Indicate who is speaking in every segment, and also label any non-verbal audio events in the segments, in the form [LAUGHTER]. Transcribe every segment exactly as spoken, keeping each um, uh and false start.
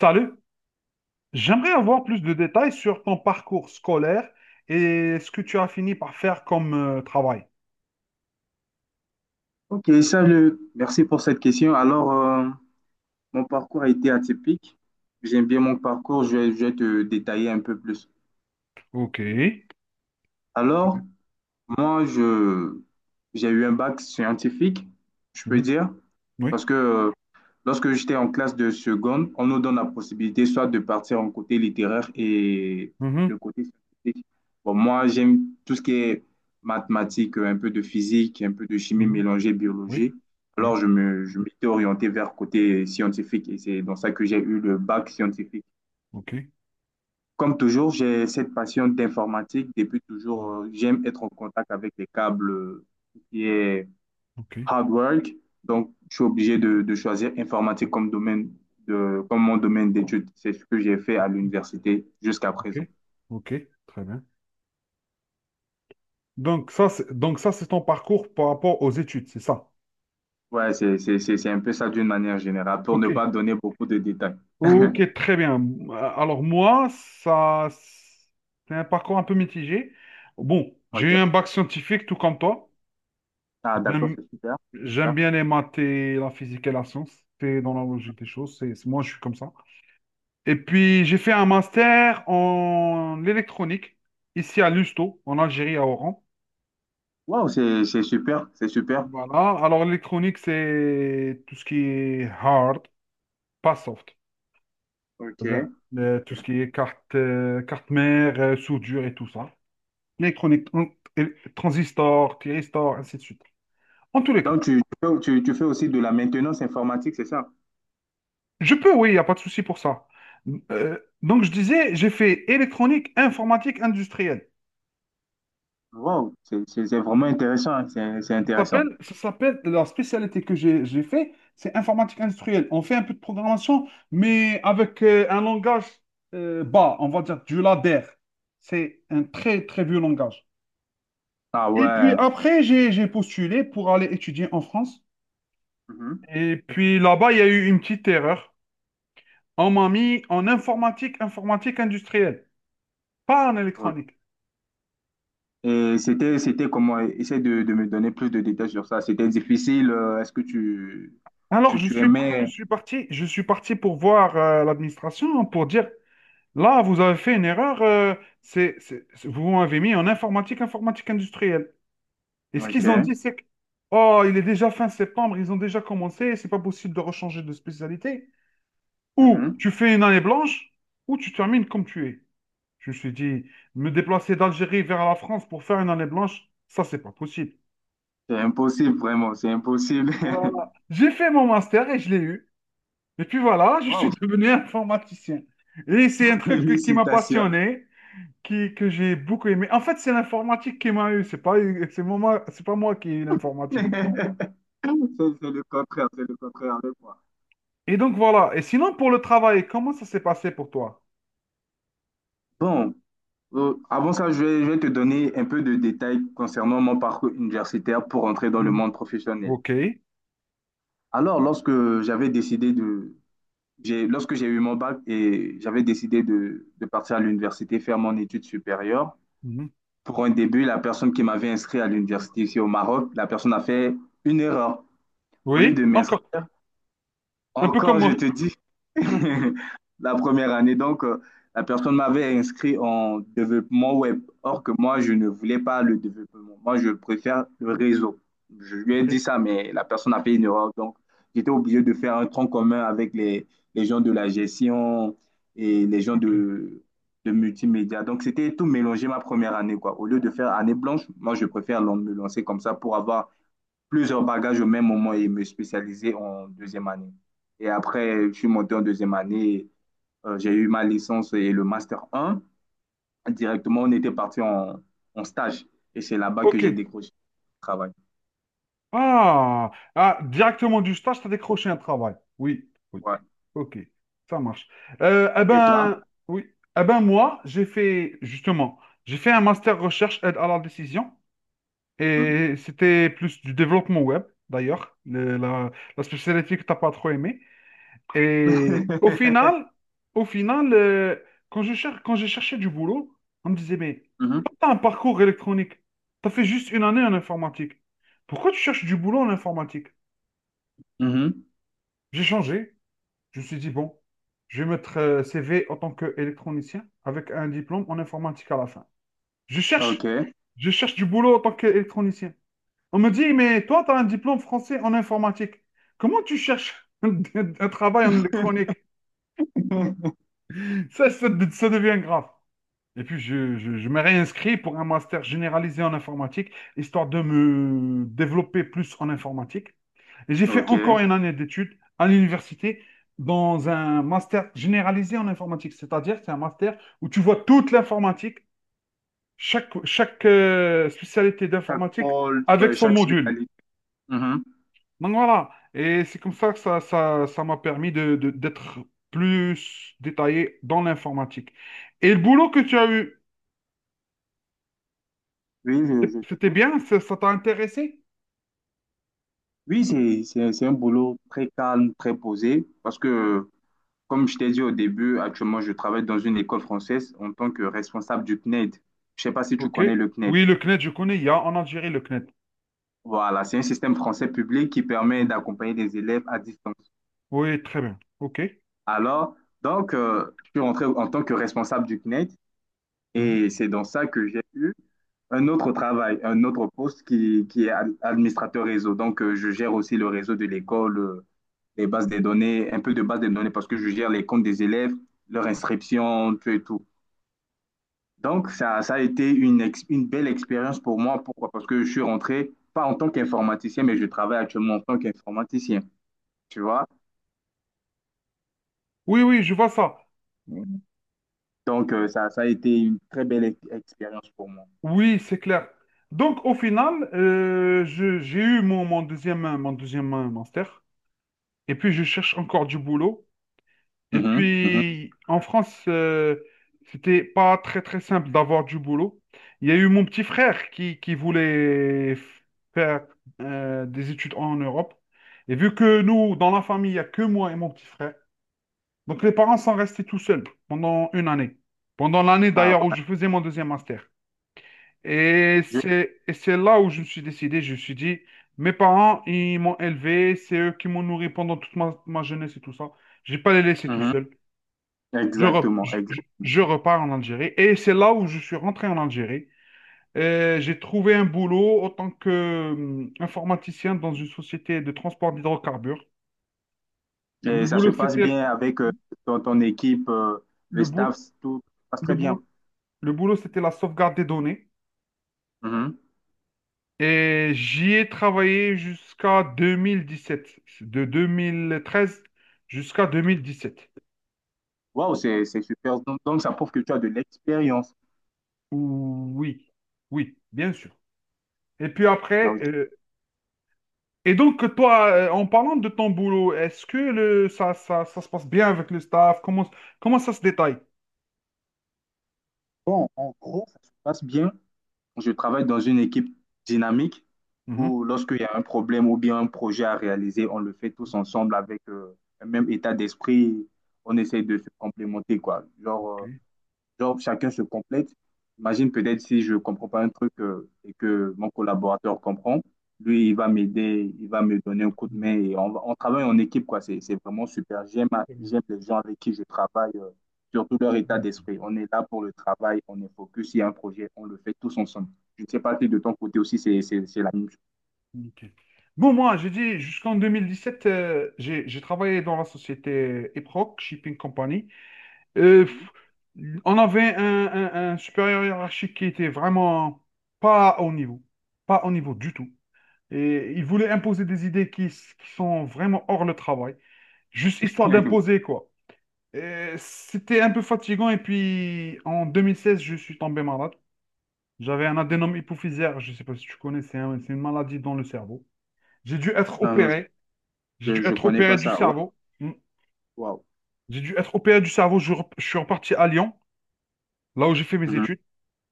Speaker 1: Salut, j'aimerais avoir plus de détails sur ton parcours scolaire et ce que tu as fini par faire comme euh, travail.
Speaker 2: Ok, salut. Merci pour cette question. Alors, euh, mon parcours a été atypique. J'aime bien mon parcours. Je vais, je vais te détailler un peu plus.
Speaker 1: Ok.
Speaker 2: Alors, moi, je, j'ai eu un bac scientifique, je peux
Speaker 1: Mhm.
Speaker 2: dire,
Speaker 1: Oui.
Speaker 2: parce que euh, lorsque j'étais en classe de seconde, on nous donne la possibilité soit de partir en côté littéraire et
Speaker 1: Mhm.
Speaker 2: le côté scientifique. Bon, moi, j'aime tout ce qui est mathématiques, un peu de physique, un peu de chimie
Speaker 1: Mhm.
Speaker 2: mélangée,
Speaker 1: Oui.
Speaker 2: biologie.
Speaker 1: Oui.
Speaker 2: Alors, je me, je m'étais orienté vers côté scientifique et c'est dans ça que j'ai eu le bac scientifique.
Speaker 1: Ok.
Speaker 2: Comme toujours, j'ai cette passion d'informatique. Depuis toujours, euh, j'aime être en contact avec les câbles, euh, tout ce qui est
Speaker 1: Ok.
Speaker 2: hard work. Donc, je suis obligé de, de choisir informatique comme domaine de, comme mon domaine d'études. C'est ce que j'ai fait à l'université jusqu'à
Speaker 1: Ok.
Speaker 2: présent.
Speaker 1: Ok. Très bien. Donc ça, c'est, donc ça, c'est ton parcours par rapport aux études, c'est ça?
Speaker 2: Ouais, c'est, c'est, c'est, c'est un peu ça d'une manière générale, pour ne
Speaker 1: Ok.
Speaker 2: pas donner beaucoup de détails.
Speaker 1: Ok,
Speaker 2: [LAUGHS]
Speaker 1: très bien. Euh, Alors moi, ça, c'est un parcours un peu mitigé. Bon, j'ai eu
Speaker 2: OK.
Speaker 1: un bac scientifique, tout comme toi.
Speaker 2: Ah,
Speaker 1: J'ai
Speaker 2: d'accord,
Speaker 1: un
Speaker 2: c'est super.
Speaker 1: J'aime
Speaker 2: Super.
Speaker 1: bien les maths et la physique et la science. C'est dans la logique des choses. C'est, c'est- moi, je suis comme ça. Et puis, j'ai fait un master en électronique, ici à Lusto, en Algérie, à Oran.
Speaker 2: Wow, c'est, c'est super, c'est super.
Speaker 1: Voilà. Alors, l'électronique, c'est tout ce qui est hard, pas soft.
Speaker 2: OK.
Speaker 1: C'est-à-dire euh, tout
Speaker 2: OK.
Speaker 1: ce qui est carte, euh, carte mère, euh, soudure et tout ça. L'électronique, tran- et- transistor, thyristor, ainsi de suite. En tous les cas.
Speaker 2: Donc, tu, tu fais tu- tu fais aussi de la maintenance informatique, c'est ça?
Speaker 1: Je peux, oui, il n'y a pas de souci pour ça. Euh, donc, je disais, j'ai fait électronique, informatique industrielle.
Speaker 2: Wow, c'est c'est- c'est vraiment intéressant, hein. C'est c'est
Speaker 1: Ça
Speaker 2: intéressant.
Speaker 1: s'appelle, ça s'appelle- la spécialité que j'ai, j'ai fait, c'est informatique industrielle. On fait un peu de programmation, mais avec euh, un langage euh, bas, on va dire du ladder. C'est un très, très vieux langage.
Speaker 2: Ah
Speaker 1: Et puis
Speaker 2: ouais.
Speaker 1: après, j'ai, j'ai postulé pour aller étudier en France.
Speaker 2: Mhm.
Speaker 1: Et puis là-bas, il y a eu une petite erreur. On m'a mis en informatique, informatique industrielle, pas en électronique.
Speaker 2: Et c'était, c'était comment? Essaie de, de me donner plus de détails sur ça. C'était difficile. euh, Est-ce que tu,
Speaker 1: Alors,
Speaker 2: tu,
Speaker 1: je
Speaker 2: tu
Speaker 1: suis, je
Speaker 2: aimais?
Speaker 1: suis parti, je suis parti pour voir euh, l'administration, hein, pour dire, là, vous avez fait une erreur, euh, c'est, c'est- c'est- vous m'avez mis en informatique, informatique industrielle. Et ce
Speaker 2: Ok.
Speaker 1: qu'ils ont dit, c'est que, oh, il est déjà fin septembre, ils ont déjà commencé, c'est pas possible de rechanger de spécialité. Ou tu
Speaker 2: Mhm.
Speaker 1: fais une année blanche, ou tu termines comme tu es. Je me suis dit, me déplacer d'Algérie vers la France pour faire une année blanche, ça, c'est pas possible.
Speaker 2: C'est impossible, vraiment. C'est impossible.
Speaker 1: Voilà.
Speaker 2: [LAUGHS]
Speaker 1: J'ai fait mon master et je l'ai eu. Et puis voilà, je suis [LAUGHS]
Speaker 2: Wow,
Speaker 1: devenu informaticien. Et c'est un
Speaker 2: [LAUGHS]
Speaker 1: truc qui m'a
Speaker 2: félicitations.
Speaker 1: passionné, qui, que j'ai beaucoup aimé. En fait, c'est l'informatique qui m'a eu, c'est pas, c'est moi, c'est pas moi qui ai eu
Speaker 2: [LAUGHS]
Speaker 1: l'informatique.
Speaker 2: C'est c'est le contraire, c'est le contraire avec moi.
Speaker 1: Et donc voilà. Et sinon, pour le travail, comment ça s'est passé pour toi?
Speaker 2: Bon, euh, avant ça, je vais, je vais te donner un peu de détails concernant mon parcours universitaire pour entrer dans le monde
Speaker 1: Mhm.
Speaker 2: professionnel.
Speaker 1: Ok.
Speaker 2: Alors, lorsque j'avais décidé de, j'ai- lorsque j'ai eu mon bac et j'avais décidé de, de partir à l'université faire mon étude supérieure,
Speaker 1: Mhm.
Speaker 2: pour un début, la personne qui m'avait inscrit à l'université ici au Maroc, la personne a fait une erreur. Au lieu
Speaker 1: Oui,
Speaker 2: de
Speaker 1: encore.
Speaker 2: m'inscrire,
Speaker 1: Un peu comme
Speaker 2: encore, je
Speaker 1: moi.
Speaker 2: te dis,
Speaker 1: [LAUGHS]
Speaker 2: [LAUGHS] la première année, donc, euh, la personne m'avait inscrit en développement web. Or que moi, je ne voulais pas le développement. Moi, je préfère le réseau. Je lui ai dit ça,
Speaker 1: Ok.
Speaker 2: mais la personne a fait une erreur. Donc, j'étais obligé de faire un tronc commun avec les, les gens de la gestion et les gens
Speaker 1: Ok.
Speaker 2: de, de multimédia. Donc, c'était tout mélangé ma première année, quoi. Au lieu de faire année blanche, moi, je préfère l'an- me lancer comme ça pour avoir plusieurs bagages au même moment et me spécialiser en deuxième année. Et après, je suis monté en deuxième année, euh, j'ai eu ma licence et le master un. Directement, on était parti en, en stage et c'est là-bas que
Speaker 1: Ok.
Speaker 2: j'ai décroché le travail.
Speaker 1: Ah, ah, directement du stage, tu as décroché un travail. Oui, oui.
Speaker 2: Ouais.
Speaker 1: Ok, ça marche. Euh, eh
Speaker 2: Et toi?
Speaker 1: ben, oui. Eh ben, moi, j'ai fait, justement, j'ai fait un master recherche aide à la décision
Speaker 2: Hmm?
Speaker 1: et c'était plus du développement web, d'ailleurs, le- la, la spécialité que t'as pas trop aimée. Et au
Speaker 2: [LAUGHS]
Speaker 1: final, au final, euh, quand je cher- quand j'ai cherché du boulot, on me disait, mais
Speaker 2: Mhm,
Speaker 1: t'as un parcours électronique. T'as fait juste une année en informatique. Pourquoi tu cherches du boulot en informatique?
Speaker 2: mhm.
Speaker 1: J'ai changé. Je me suis dit, bon, je vais mettre euh, C V en tant qu'électronicien avec un diplôme en informatique à la fin. Je cherche,
Speaker 2: OK.
Speaker 1: je cherche du boulot en tant qu'électronicien. On me dit, mais toi, tu as un diplôme français en informatique. Comment tu cherches [LAUGHS] un, un travail en électronique?
Speaker 2: [LAUGHS]
Speaker 1: Ça, ça, ça devient grave. Et puis, je, je, je me réinscris pour un master généralisé en informatique, histoire de me développer plus en informatique. Et j'ai fait
Speaker 2: OK.
Speaker 1: encore une année d'études à l'université dans un master généralisé en informatique, c'est-à-dire c'est un master où tu vois toute l'informatique, chaque, chaque euh, spécialité
Speaker 2: Chaque
Speaker 1: d'informatique
Speaker 2: pôle,
Speaker 1: avec
Speaker 2: ouais,
Speaker 1: son
Speaker 2: chaque
Speaker 1: module.
Speaker 2: spécialité. Mhm.
Speaker 1: Donc voilà, et c'est comme ça que ça, ça, ça m'a permis de, de- d'être plus détaillé dans l'informatique. Et le boulot que tu as eu,
Speaker 2: Oui, je,
Speaker 1: C'est-
Speaker 2: je
Speaker 1: c'était
Speaker 2: t'écoute.
Speaker 1: bien, ça ça t'a intéressé?
Speaker 2: Oui, c'est, c'est, c'est un boulot très calme, très posé, parce que comme je t'ai dit au début, actuellement, je travaille dans une école française en tant que responsable du C N E D. Je ne sais pas si tu
Speaker 1: Ok.
Speaker 2: connais le C N E D.
Speaker 1: Oui, le cned, je connais, il y a en Algérie le C N E D.
Speaker 2: Voilà, c'est un système français public qui permet
Speaker 1: Ouais.
Speaker 2: d'accompagner des élèves à distance.
Speaker 1: Oui, très bien. Ok.
Speaker 2: Alors, donc, euh, je suis rentré en tant que responsable du C N E D
Speaker 1: Mhm.
Speaker 2: et c'est dans ça que j'ai eu un autre travail, un autre poste qui, qui est ad- administrateur réseau. Donc, euh, je gère aussi le réseau de l'école, euh, les bases des données, un peu de base des données parce que je gère les comptes des élèves, leur inscription, tout et tout. Donc, ça, ça a été une, ex- une belle expérience pour moi. Pourquoi? Parce que je suis rentré, pas en tant qu'informaticien, mais je travaille actuellement en tant qu'informaticien, tu vois?
Speaker 1: Oui, oui, je vois ça.
Speaker 2: Donc, euh, ça, ça a été une très belle ex- expérience pour moi.
Speaker 1: Oui, c'est clair. Donc, au final, euh, je- j'ai eu mon, mon deuxième, mon deuxième master. Et puis, je cherche encore du boulot. Et
Speaker 2: Mhm, mhm.
Speaker 1: puis, en France, euh, c'était pas très très simple d'avoir du boulot. Il y a eu mon petit frère qui, qui voulait f- faire euh, des études en Europe. Et vu que nous, dans la famille, il n'y a que moi et mon petit frère, donc les parents sont restés tout seuls pendant une année. Pendant l'année
Speaker 2: Ah,
Speaker 1: d'ailleurs où
Speaker 2: ouais,
Speaker 1: je faisais mon deuxième master. Et
Speaker 2: je-
Speaker 1: c'est, et c'est là où je me suis décidé, je me suis dit, mes parents, ils m'ont élevé, c'est eux qui m'ont nourri pendant toute ma, ma jeunesse et tout ça. Je vais pas les laisser tout
Speaker 2: mhm.
Speaker 1: seuls. Je, re-
Speaker 2: Exactement,
Speaker 1: je- je-
Speaker 2: exactement.
Speaker 1: je repars en Algérie. Et c'est là où je suis rentré en Algérie. Euh, j'ai trouvé un boulot en tant que hum, informaticien dans une société de transport d'hydrocarbures. Le
Speaker 2: Et ça se
Speaker 1: boulot,
Speaker 2: passe
Speaker 1: c'était
Speaker 2: bien avec euh, ton, ton équipe, euh,
Speaker 1: le
Speaker 2: le staff,
Speaker 1: boulot,
Speaker 2: tout se passe
Speaker 1: le
Speaker 2: très bien.
Speaker 1: boul- le boulot, c'était la sauvegarde des données.
Speaker 2: Mhm.
Speaker 1: Et j'y ai travaillé jusqu'à deux mille dix-sept, de deux mille treize jusqu'à deux mille dix-sept.
Speaker 2: Waouh, c'est, c'est super. Donc, donc, ça prouve que tu as de l'expérience.
Speaker 1: Oui, oui, bien sûr. Et puis
Speaker 2: Ah
Speaker 1: après,
Speaker 2: oui.
Speaker 1: euh, Et donc, toi, euh, en parlant de ton boulot, est-ce que le, ça, ça, ça se passe bien avec le staff? Comment, comment ça se détaille?
Speaker 2: Bon, en gros, ça se passe bien. Je travaille dans une équipe dynamique
Speaker 1: Mhm.
Speaker 2: où lorsqu'il y a un problème ou bien un projet à réaliser, on le fait tous ensemble avec euh, un même état d'esprit. On essaye de se complémenter, quoi. Genre,
Speaker 1: Ok.
Speaker 2: euh, Genre, chacun se complète. Imagine peut-être si je comprends pas un truc euh, et que mon collaborateur comprend, lui, il va m'aider, il va me donner un coup de main et on, va- on travaille en équipe, quoi. C'est, c'est vraiment super. J'aime, j'aime les gens avec qui je travaille, euh, surtout leur état d'esprit. On est là pour le travail, on est focus. Il y a un projet, on le fait tous ensemble. Je ne sais pas si de ton côté aussi, c'est, c'est, c'est la même Mhm.
Speaker 1: Nickel. Bon, moi, j'ai dit, jusqu'en deux mille dix-sept, euh, j'ai j'ai travaillé dans la société Eproc, Shipping Company. Euh, pff, on avait un, un- un supérieur hiérarchique qui était vraiment pas au niveau, pas au niveau du tout. Et il voulait imposer des idées qui, s- qui sont vraiment hors le travail, juste histoire
Speaker 2: chose. [LAUGHS]
Speaker 1: d'imposer, quoi. Et c'était un peu fatigant. Et puis, en deux mille seize, je suis tombé malade. J'avais un adénome hypophysaire. Je ne sais pas si tu connais, c'est un- c'est une maladie dans le cerveau. J'ai dû être
Speaker 2: Non, non,
Speaker 1: opéré. J'ai dû
Speaker 2: je, je
Speaker 1: être
Speaker 2: connais
Speaker 1: opéré
Speaker 2: pas
Speaker 1: du
Speaker 2: ça. Waouh,
Speaker 1: cerveau. Hmm.
Speaker 2: waouh.
Speaker 1: J'ai dû être opéré du cerveau. Je, rep- je suis reparti à Lyon, là où j'ai fait mes
Speaker 2: Mhm.
Speaker 1: études.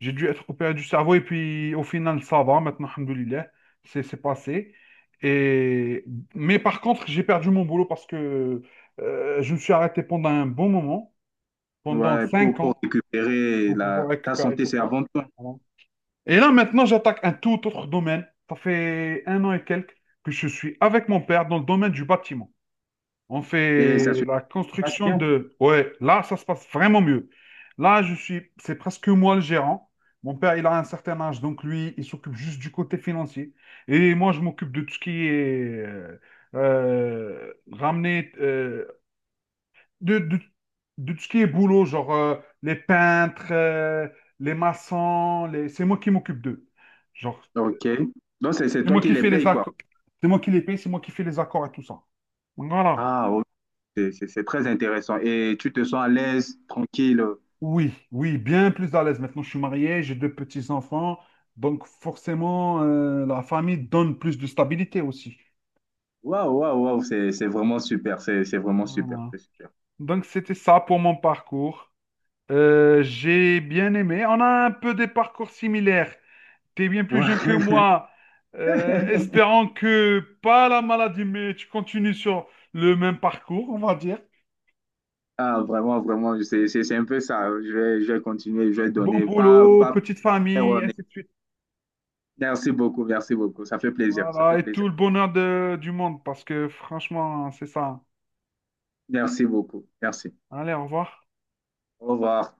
Speaker 1: J'ai dû être opéré du cerveau. Et puis, au final, ça va. Maintenant, alhamdoulilah, c'est c'est passé. Et. Mais par contre, j'ai perdu mon boulot parce que euh, je me suis arrêté pendant un bon moment, pendant
Speaker 2: Ouais,
Speaker 1: cinq
Speaker 2: pour, pour
Speaker 1: ans.
Speaker 2: récupérer
Speaker 1: Pour pouvoir
Speaker 2: la, ta
Speaker 1: récupérer
Speaker 2: santé,
Speaker 1: tout
Speaker 2: c'est
Speaker 1: ça.
Speaker 2: avant tout.
Speaker 1: Voilà. Et là, maintenant, j'attaque un tout autre domaine. Ça fait un an et quelques que je suis avec mon père dans le domaine du bâtiment. On
Speaker 2: Et ça
Speaker 1: fait
Speaker 2: se
Speaker 1: la
Speaker 2: passe
Speaker 1: construction
Speaker 2: bien.
Speaker 1: de. Ouais, là, ça se passe vraiment mieux. Là, je suis. C'est presque moi le gérant. Mon père, il a un certain âge, donc lui, il s'occupe juste du côté financier. Et moi, je m'occupe de tout ce qui est euh, euh, ramener, euh, de, de, de tout ce qui est boulot, genre euh, les peintres, euh, les maçons, les. C'est moi qui m'occupe d'eux. Genre,
Speaker 2: Ok. Donc, c'est c'est
Speaker 1: c'est
Speaker 2: toi
Speaker 1: moi
Speaker 2: qui
Speaker 1: qui
Speaker 2: les
Speaker 1: fais les
Speaker 2: payes, quoi.
Speaker 1: accords, c'est moi qui les paye, c'est moi qui fais les accords et tout ça. Voilà.
Speaker 2: Ah, ok. C'est c'est- c'est très intéressant. Et tu te sens à l'aise, tranquille.
Speaker 1: Oui, oui, bien plus à l'aise. Maintenant, je suis marié, j'ai deux petits-enfants, donc forcément, euh, la famille donne plus de stabilité aussi.
Speaker 2: Waouh, waouh, waouh. C'est c'est vraiment super. C'est c'est vraiment super.
Speaker 1: Voilà.
Speaker 2: C'est super.
Speaker 1: Donc, c'était ça pour mon parcours. Euh, j'ai bien aimé. On a un peu des parcours similaires. T'es bien plus
Speaker 2: Ouais.
Speaker 1: jeune que moi. Euh,
Speaker 2: [LAUGHS]
Speaker 1: espérant que pas la maladie, mais tu continues sur le même parcours, on va dire.
Speaker 2: Ah, vraiment, vraiment. C'est c'est- c'est un peu ça. Je vais, je vais continuer. Je vais
Speaker 1: Bon
Speaker 2: donner. Pas,
Speaker 1: boulot,
Speaker 2: pas
Speaker 1: petite
Speaker 2: faire
Speaker 1: famille,
Speaker 2: honnête.
Speaker 1: ainsi de suite.
Speaker 2: Merci beaucoup. Merci beaucoup. Ça fait plaisir. Ça fait
Speaker 1: Voilà, et tout
Speaker 2: plaisir.
Speaker 1: le bonheur de- du monde, parce que franchement, c'est ça, hein.
Speaker 2: Merci beaucoup. Merci.
Speaker 1: Allez, au revoir.
Speaker 2: Au revoir.